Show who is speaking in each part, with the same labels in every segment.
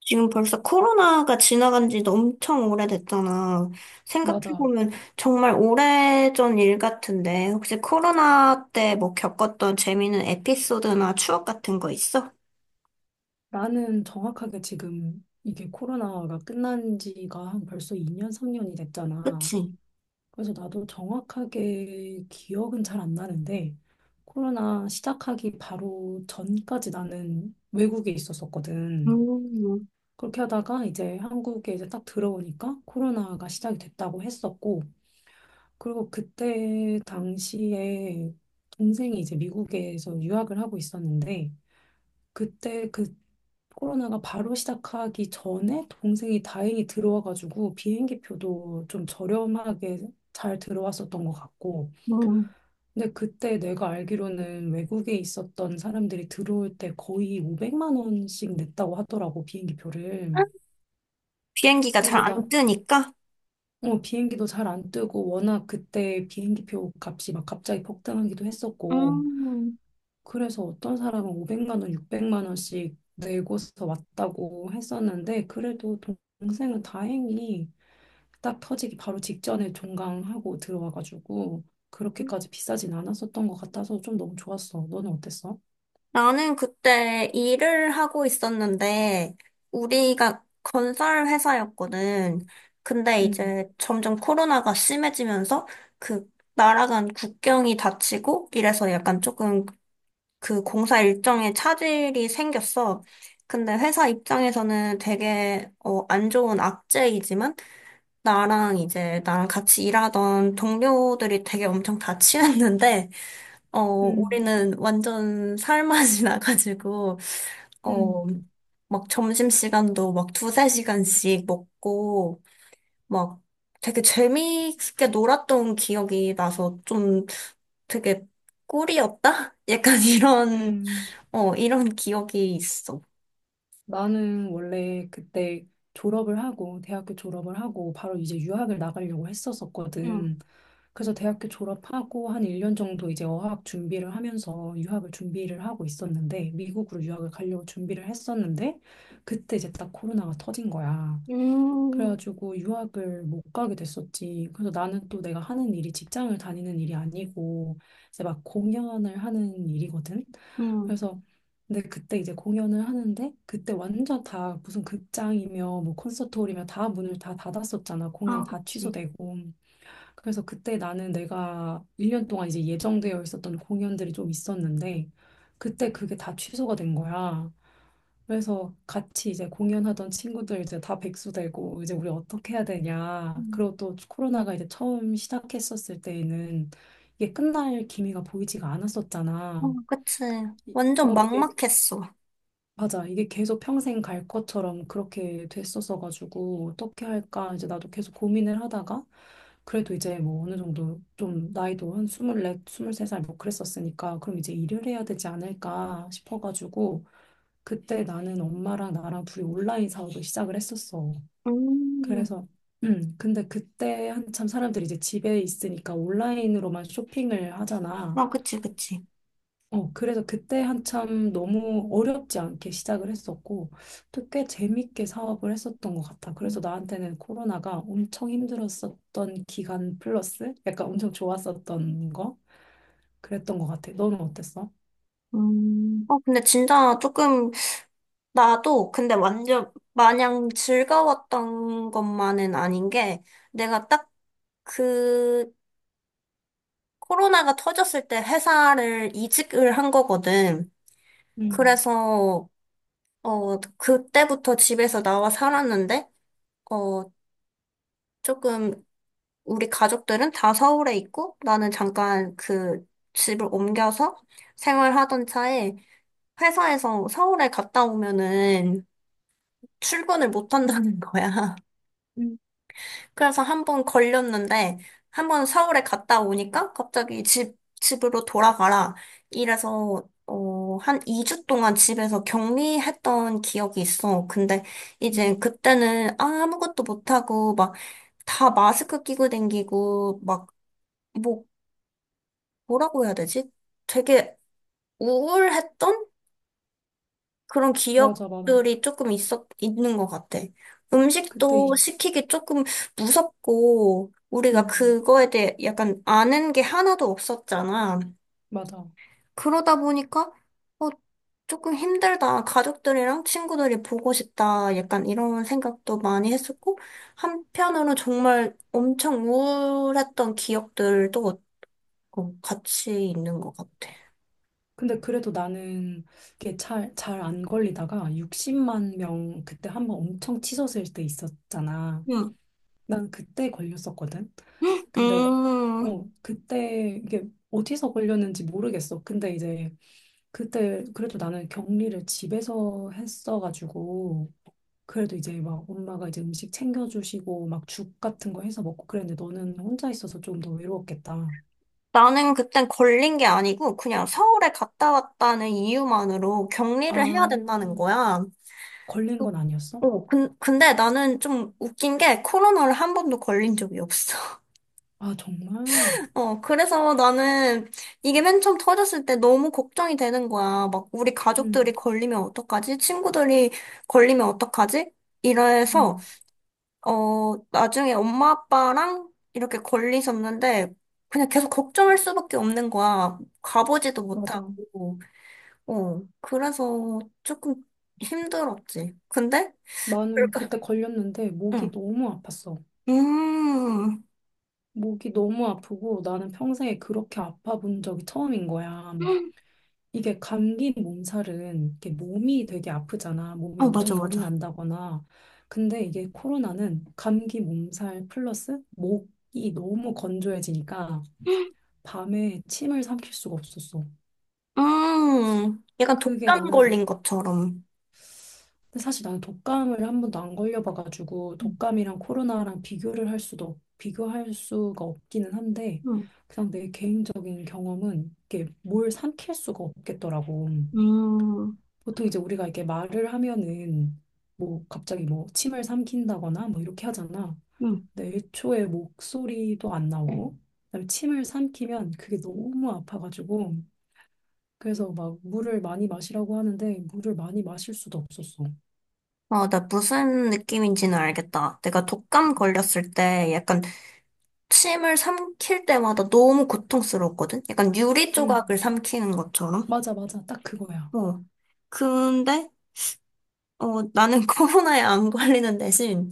Speaker 1: 지금 벌써 코로나가 지나간 지도 엄청 오래됐잖아.
Speaker 2: 맞아.
Speaker 1: 생각해보면 정말 오래전 일 같은데, 혹시 코로나 때 뭐 겪었던 재미있는 에피소드나 추억 같은 거 있어?
Speaker 2: 나는 정확하게 지금 이게 코로나가 끝난 지가 한 벌써 2년, 3년이 됐잖아.
Speaker 1: 그치?
Speaker 2: 그래서 나도 정확하게 기억은 잘 안 나는데, 코로나 시작하기 바로 전까지 나는 외국에 있었었거든.
Speaker 1: 음,
Speaker 2: 그렇게 하다가 이제 한국에 이제 딱 들어오니까 코로나가 시작이 됐다고 했었고, 그리고 그때 당시에 동생이 이제 미국에서 유학을 하고 있었는데, 그때 그 코로나가 바로 시작하기 전에 동생이 다행히 들어와가지고 비행기 표도 좀 저렴하게 잘 들어왔었던 것 같고.
Speaker 1: 음.
Speaker 2: 근데 그때 내가 알기로는 외국에 있었던 사람들이 들어올 때 거의 500만 원씩 냈다고 하더라고, 비행기 표를.
Speaker 1: 비행기가 잘
Speaker 2: 그래서
Speaker 1: 안 뜨니까?
Speaker 2: 비행기도 잘 안 뜨고 워낙 그때 비행기 표 값이 막 갑자기 폭등하기도
Speaker 1: 음.
Speaker 2: 했었고.
Speaker 1: 음.
Speaker 2: 그래서 어떤 사람은 500만 원, 600만 원씩 내고서 왔다고 했었는데 그래도 동생은 다행히 딱 터지기 바로 직전에 종강하고 들어와가지고 그렇게까지 비싸진 않았었던 것 같아서 좀 너무 좋았어. 너는 어땠어?
Speaker 1: 나는 그때 일을 하고 있었는데, 우리가 건설 회사였거든. 근데
Speaker 2: 음,
Speaker 1: 이제 점점 코로나가 심해지면서 그 날아간 국경이 닫히고 이래서 약간 조금 그 공사 일정에 차질이 생겼어. 근데 회사 입장에서는 되게 안 좋은 악재이지만 나랑 같이 일하던 동료들이 되게 엄청 다 친했는데
Speaker 2: 음,
Speaker 1: 우리는 완전 살맛이 나가지고,
Speaker 2: 음,
Speaker 1: 어, 막 점심시간도 막 두세 시간씩 먹고, 막 되게 재미있게 놀았던 기억이 나서 좀 되게 꿀이었다? 약간 이런,
Speaker 2: 음.
Speaker 1: 이런 기억이 있어.
Speaker 2: 나는 원래 그때 졸업을 하고, 대학교 졸업을 하고, 바로 이제 유학을 나가려고
Speaker 1: 응,
Speaker 2: 했었었거든. 그래서 대학교 졸업하고 한 1년 정도 이제 어학 준비를 하면서 유학을 준비를 하고 있었는데, 미국으로 유학을 가려고 준비를 했었는데, 그때 이제 딱 코로나가 터진 거야.
Speaker 1: 음,
Speaker 2: 그래가지고 유학을 못 가게 됐었지. 그래서 나는 또 내가 하는 일이 직장을 다니는 일이 아니고 이제 막 공연을 하는 일이거든.
Speaker 1: 음.
Speaker 2: 그래서 근데 그때 이제 공연을 하는데 그때 완전 다 무슨 극장이며 뭐 콘서트홀이며 다 문을 다 닫았었잖아. 공연
Speaker 1: 아,
Speaker 2: 다
Speaker 1: 그치.
Speaker 2: 취소되고. 그래서 그때 나는 내가 1년 동안 이제 예정되어 있었던 공연들이 좀 있었는데 그때 그게 다 취소가 된 거야. 그래서 같이 이제 공연하던 친구들 이제 다 백수 되고 이제 우리 어떻게 해야 되냐.
Speaker 1: 음,
Speaker 2: 그리고 또 코로나가 이제 처음 시작했었을 때에는 이게 끝날 기미가 보이지가
Speaker 1: 어,
Speaker 2: 않았었잖아.
Speaker 1: 그치. 완전
Speaker 2: 이게
Speaker 1: 막막했어.
Speaker 2: 맞아. 이게 계속 평생 갈 것처럼 그렇게 됐었어 가지고 어떻게 할까 이제 나도 계속 고민을 하다가 그래도 이제 뭐 어느 정도 좀 나이도 한 24, 23살 뭐 그랬었으니까 그럼 이제 일을 해야 되지 않을까 싶어 가지고 그때 나는 엄마랑 나랑 둘이 온라인 사업을 시작을 했었어.
Speaker 1: 음.
Speaker 2: 그래서 근데 그때 한참 사람들이 이제 집에 있으니까 온라인으로만 쇼핑을 하잖아.
Speaker 1: 아, 그치, 그치.
Speaker 2: 어, 그래서 그때 한참 너무 어렵지 않게 시작을 했었고, 또 꽤 재밌게 사업을 했었던 것 같아. 그래서 나한테는 코로나가 엄청 힘들었었던 기간 플러스 약간 엄청 좋았었던 거? 그랬던 것 같아. 너는 어땠어?
Speaker 1: 근데 진짜 조금, 나도, 근데 완전, 마냥 즐거웠던 것만은 아닌 게, 내가 딱 그, 코로나가 터졌을 때 회사를 이직을 한 거거든.
Speaker 2: 음,
Speaker 1: 그래서, 그때부터 집에서 나와 살았는데, 어, 조금, 우리 가족들은 다 서울에 있고, 나는 잠깐 그 집을 옮겨서 생활하던 차에, 회사에서 서울에 갔다 오면은, 출근을 못 한다는 거야.
Speaker 2: 음,
Speaker 1: 그래서 한 번 걸렸는데, 한 번 서울에 갔다 오니까 갑자기 집으로 돌아가라. 이래서, 한 2주 동안 집에서 격리했던 기억이 있어. 근데 이제
Speaker 2: 음.
Speaker 1: 그때는 아무것도 못하고, 막, 다 마스크 끼고 댕기고, 막, 뭐, 뭐라고 해야 되지? 되게 우울했던? 그런
Speaker 2: 맞아, 맞아.
Speaker 1: 기억들이 조금 있는 것 같아.
Speaker 2: 그때
Speaker 1: 음식도 시키기 조금 무섭고, 우리가
Speaker 2: 음,
Speaker 1: 그거에 대해 약간 아는 게 하나도 없었잖아.
Speaker 2: 맞아.
Speaker 1: 그러다 보니까, 어, 조금 힘들다. 가족들이랑 친구들이 보고 싶다. 약간 이런 생각도 많이 했었고, 한편으로 정말 엄청 우울했던 기억들도 같이 있는 것 같아.
Speaker 2: 근데 그래도 나는 이게 잘 안 걸리다가 60만 명 그때 한번 엄청 치솟을 때 있었잖아.
Speaker 1: 음.
Speaker 2: 난 그때 걸렸었거든. 근데
Speaker 1: 음.
Speaker 2: 그때 이게 어디서 걸렸는지 모르겠어. 근데 이제 그때 그래도 나는 격리를 집에서 했어가지고 그래도 이제 막 엄마가 이제 음식 챙겨주시고 막 죽 같은 거 해서 먹고 그랬는데 너는 혼자 있어서 좀 더 외로웠겠다.
Speaker 1: 나는 그땐 걸린 게 아니고 그냥 서울에 갔다 왔다는 이유만으로 격리를 해야 된다는
Speaker 2: 아,
Speaker 1: 거야.
Speaker 2: 걸린
Speaker 1: 그-
Speaker 2: 건 아니었어?
Speaker 1: 어, 근데 나는 좀 웃긴 게 코로나를 한 번도 걸린 적이 없어.
Speaker 2: 아, 정말?
Speaker 1: 그래서 나는 이게 맨 처음 터졌을 때 너무 걱정이 되는 거야. 막 우리 가족들이
Speaker 2: 응,
Speaker 1: 걸리면 어떡하지? 친구들이 걸리면 어떡하지? 이래서
Speaker 2: 응,
Speaker 1: 나중에 엄마 아빠랑 이렇게 걸리셨는데, 그냥 계속 걱정할 수밖에 없는 거야. 가보지도
Speaker 2: 맞아.
Speaker 1: 못하고, 그래서 조금 힘들었지. 근데,
Speaker 2: 나는
Speaker 1: 그러니까,
Speaker 2: 그때 걸렸는데 목이
Speaker 1: 응.
Speaker 2: 너무 아팠어.
Speaker 1: 음,
Speaker 2: 목이 너무 아프고 나는 평생에 그렇게 아파 본 적이 처음인 거야. 이게 감기 몸살은 이게 몸이 되게 아프잖아. 몸이
Speaker 1: 어, 맞아,
Speaker 2: 엄청 열이
Speaker 1: 맞아.
Speaker 2: 난다거나. 근데 이게 코로나는 감기 몸살 플러스 목이 너무 건조해지니까 밤에 침을 삼킬 수가 없었어.
Speaker 1: 약간
Speaker 2: 그게
Speaker 1: 독감 걸린
Speaker 2: 나는,
Speaker 1: 것처럼.
Speaker 2: 근데 사실 나는 독감을 한 번도 안 걸려봐가지고
Speaker 1: 음,
Speaker 2: 독감이랑 코로나랑 비교를 할 수도, 비교할 수가 없기는 한데 그냥 내 개인적인 경험은 이게 뭘 삼킬 수가 없겠더라고.
Speaker 1: 음,
Speaker 2: 보통 이제 우리가 이렇게 말을 하면은 뭐 갑자기 뭐 침을 삼킨다거나 뭐 이렇게 하잖아.
Speaker 1: 음.
Speaker 2: 근데 애초에 목소리도 안 나오고 그다음에 침을 삼키면 그게 너무 아파가지고 그래서 막 물을 많이 마시라고 하는데 물을 많이 마실 수도 없었어.
Speaker 1: 아, 나 무슨 느낌인지는 알겠다. 내가 독감 걸렸을 때 약간 침을 삼킬 때마다 너무 고통스러웠거든? 약간 유리 조각을
Speaker 2: 음.
Speaker 1: 삼키는 것처럼?
Speaker 2: 맞아, 맞아. 딱 그거야.
Speaker 1: 어. 근데, 나는 코로나에 안 걸리는 대신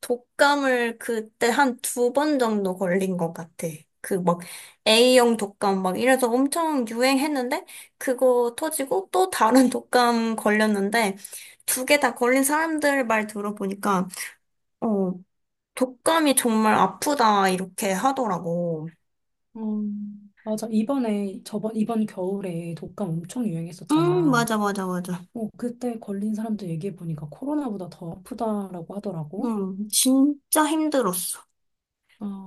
Speaker 1: 독감을 그때 한 두 번 정도 걸린 것 같아. 그 막 A형 독감 막 이래서 엄청 유행했는데, 그거 터지고 또 다른 독감 걸렸는데, 두 개 다 걸린 사람들 말 들어보니까, 어, 독감이 정말 아프다, 이렇게 하더라고.
Speaker 2: 어, 맞아. 이번에 저번 이번 겨울에 독감 엄청
Speaker 1: 응,
Speaker 2: 유행했었잖아.
Speaker 1: 맞아, 맞아, 맞아.
Speaker 2: 어, 그때 걸린 사람들 얘기해 보니까 코로나보다 더 아프다라고 하더라고.
Speaker 1: 응, 진짜 힘들었어.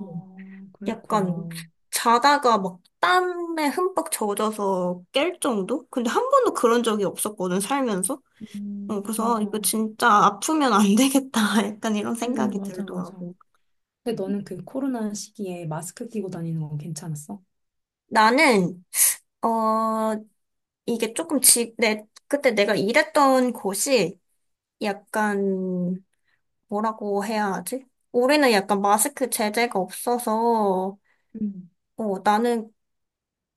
Speaker 1: 음. 약간
Speaker 2: 그랬구나.
Speaker 1: 자다가 막 땀에 흠뻑 젖어서 깰 정도? 근데 한 번도 그런 적이 없었거든, 살면서. 그래서 아,
Speaker 2: 맞아.
Speaker 1: 이거 진짜 아프면 안 되겠다. 약간 이런 생각이
Speaker 2: 맞아, 맞아.
Speaker 1: 들더라고.
Speaker 2: 근데 너는 그 코로나 시기에 마스크 끼고 다니는 건 괜찮았어?
Speaker 1: 나는, 어, 이게 조금 지, 내, 그때 내가 일했던 곳이 약간, 뭐라고 해야 하지? 우리는 약간 마스크 제재가 없어서,
Speaker 2: 음.
Speaker 1: 나는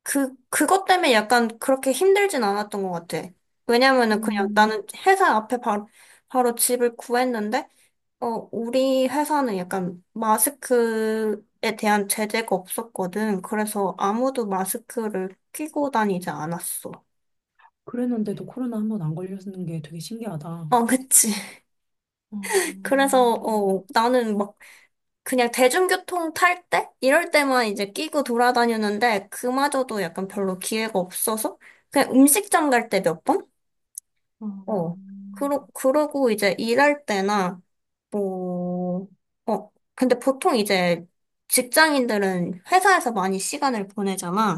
Speaker 1: 그것 때문에 약간 그렇게 힘들진 않았던 것 같아. 왜냐면은 그냥 나는
Speaker 2: 음,
Speaker 1: 회사 앞에 바로, 바로 집을 구했는데, 우리 회사는 약간 마스크에 대한 제재가 없었거든. 그래서 아무도 마스크를 끼고 다니지 않았어.
Speaker 2: 그랬는데도 코로나 한번 안 걸렸는 게 되게 신기하다.
Speaker 1: 어, 그치.
Speaker 2: 어,
Speaker 1: 그래서, 나는 막 그냥 대중교통 탈 때? 이럴 때만 이제 끼고 돌아다녔는데, 그마저도 약간 별로 기회가 없어서, 그냥 음식점 갈 때 몇 번?
Speaker 2: 어,
Speaker 1: 어. 그러고 이제 일할 때나, 뭐, 근데 보통 이제 직장인들은 회사에서 많이 시간을 보내잖아.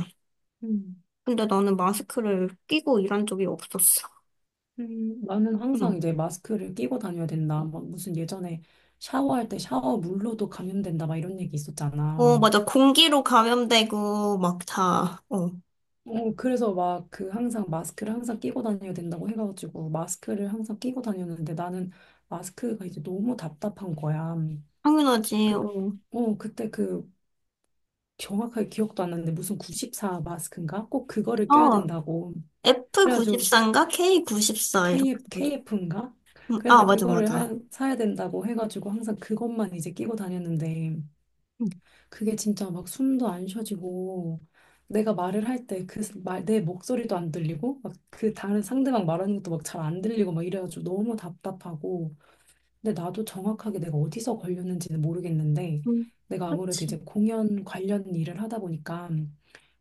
Speaker 2: 음,
Speaker 1: 근데 나는 마스크를 끼고 일한 적이 없었어.
Speaker 2: 나는 항상
Speaker 1: 응.
Speaker 2: 이제 마스크를 끼고 다녀야 된다. 막 무슨 예전에 샤워할 때 샤워 물로도 감염된다. 막 이런 얘기 있었잖아.
Speaker 1: 어, 맞아. 공기로 감염되고, 막 다, 어.
Speaker 2: 어, 그래서 막 그 항상 마스크를 항상 끼고 다녀야 된다고 해가지고 마스크를 항상 끼고 다녔는데 나는 마스크가 이제 너무 답답한 거야.
Speaker 1: 당연하지,
Speaker 2: 그,
Speaker 1: 어.
Speaker 2: 그때 그 정확하게 기억도 안 나는데 무슨 94 마스크인가? 꼭 그거를 껴야
Speaker 1: 어,
Speaker 2: 된다고. 그래가지고
Speaker 1: F94인가? K94, 이렇게. 해가지고.
Speaker 2: KF인가?
Speaker 1: 응, 아,
Speaker 2: 그래서
Speaker 1: 맞아,
Speaker 2: 그거를
Speaker 1: 맞아.
Speaker 2: 사야 된다고 해가지고 항상 그것만 이제 끼고 다녔는데
Speaker 1: 응.
Speaker 2: 그게 진짜 막 숨도 안 쉬어지고 내가 말을 할 때 그 말 내 목소리도 안 들리고 막 그 다른 상대방 말하는 것도 막 잘 안 들리고 막 이래가지고 너무 답답하고 근데 나도 정확하게 내가 어디서 걸렸는지는 모르겠는데
Speaker 1: 응.
Speaker 2: 내가 아무래도
Speaker 1: 그치.
Speaker 2: 이제 공연 관련 일을 하다 보니까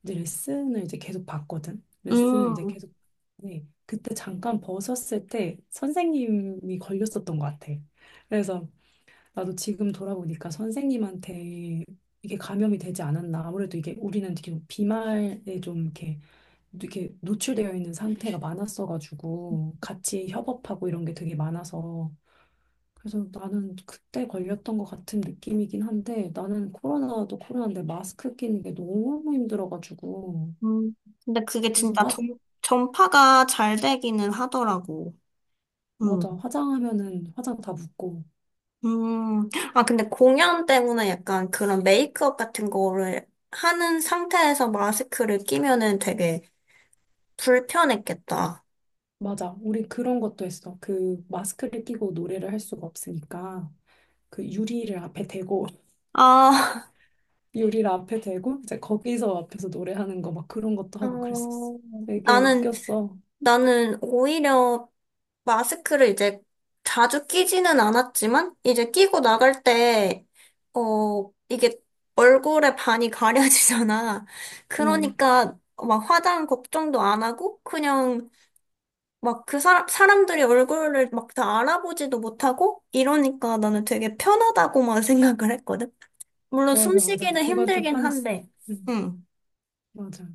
Speaker 2: 이제 레슨을 이제 계속 받거든. 레슨을 이제
Speaker 1: 음.
Speaker 2: 계속 네, 그때 잠깐 벗었을 때 선생님이 걸렸었던 것 같아. 그래서 나도 지금 돌아보니까 선생님한테 이게 감염이 되지 않았나. 아무래도 이게 우리는 되게 비말에 좀 이렇게, 이렇게 노출되어 있는 상태가 많았어가지고 같이 협업하고 이런 게 되게 많아서 그래서 나는 그때 걸렸던 것 같은 느낌이긴 한데 나는 코로나도 코로나인데 마스크 끼는 게 너무 힘들어가지고
Speaker 1: 음, 근데 그게
Speaker 2: 그래서
Speaker 1: 진짜 전파가 잘 되기는 하더라고. 음.
Speaker 2: 맞아. 화장하면은 화장 다 묻고.
Speaker 1: 음. 아, 근데 공연 때문에 약간 그런 메이크업 같은 거를 하는 상태에서 마스크를 끼면은 되게 불편했겠다.
Speaker 2: 맞아. 우리 그런 것도 했어. 그 마스크를 끼고 노래를 할 수가 없으니까. 그 유리를 앞에 대고
Speaker 1: 아,
Speaker 2: 유리를 앞에 대고 이제 거기서 앞에서 노래하는 거 막 그런 것도 하고 그랬었어.
Speaker 1: 어,
Speaker 2: 되게
Speaker 1: 나는
Speaker 2: 웃겼어.
Speaker 1: 나는 오히려 마스크를 이제 자주 끼지는 않았지만, 이제 끼고 나갈 때, 이게 얼굴에 반이 가려지잖아.
Speaker 2: 응,
Speaker 1: 그러니까 막 화장 걱정도 안 하고, 그냥 막 그 사람들이 얼굴을 막 다 알아보지도 못하고, 이러니까 나는 되게 편하다고만 생각을 했거든. 물론
Speaker 2: 맞아, 맞아.
Speaker 1: 숨쉬기는
Speaker 2: 그건 좀
Speaker 1: 힘들긴
Speaker 2: 편했어.
Speaker 1: 한데,
Speaker 2: 응,
Speaker 1: 응.
Speaker 2: 맞아.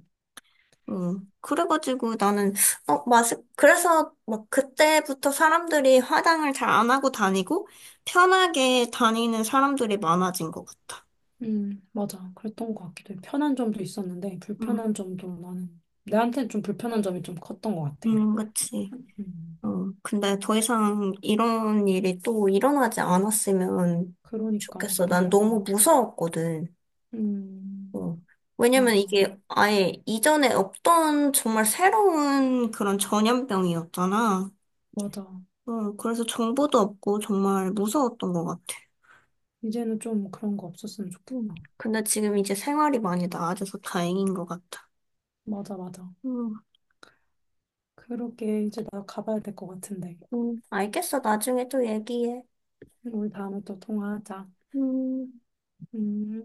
Speaker 1: 음. 그래가지고 나는, 어, 그래서 막 그때부터 사람들이 화장을 잘 안 하고 다니고 편하게 다니는 사람들이 많아진 것 같아.
Speaker 2: 응, 맞아. 그랬던 것 같기도 해. 편한 점도 있었는데
Speaker 1: 음,
Speaker 2: 불편한 점도 나는 나한테는 좀 불편한 점이 좀 컸던 것 같아.
Speaker 1: 그치.
Speaker 2: 음,
Speaker 1: 근데 더 이상 이런 일이 또 일어나지 않았으면
Speaker 2: 그러니까,
Speaker 1: 좋겠어. 난
Speaker 2: 그러니까.
Speaker 1: 너무 무서웠거든.
Speaker 2: 음,
Speaker 1: 어. 왜냐면
Speaker 2: 맞아,
Speaker 1: 이게 아예 이전에 없던 정말 새로운 그런 전염병이었잖아.
Speaker 2: 맞아.
Speaker 1: 그래서 정보도 없고 정말 무서웠던 것 같아.
Speaker 2: 이제는 좀 그런 거 없었으면
Speaker 1: 음.
Speaker 2: 좋겠다.
Speaker 1: 근데 지금 이제 생활이 많이 나아져서 다행인 것 같아.
Speaker 2: 맞아, 맞아.
Speaker 1: 음,
Speaker 2: 그러게 이제 나 가봐야 될 것 같은데.
Speaker 1: 알겠어. 나중에 또 얘기해.
Speaker 2: 우리 다음에 또 통화하자.
Speaker 1: 음.
Speaker 2: 음.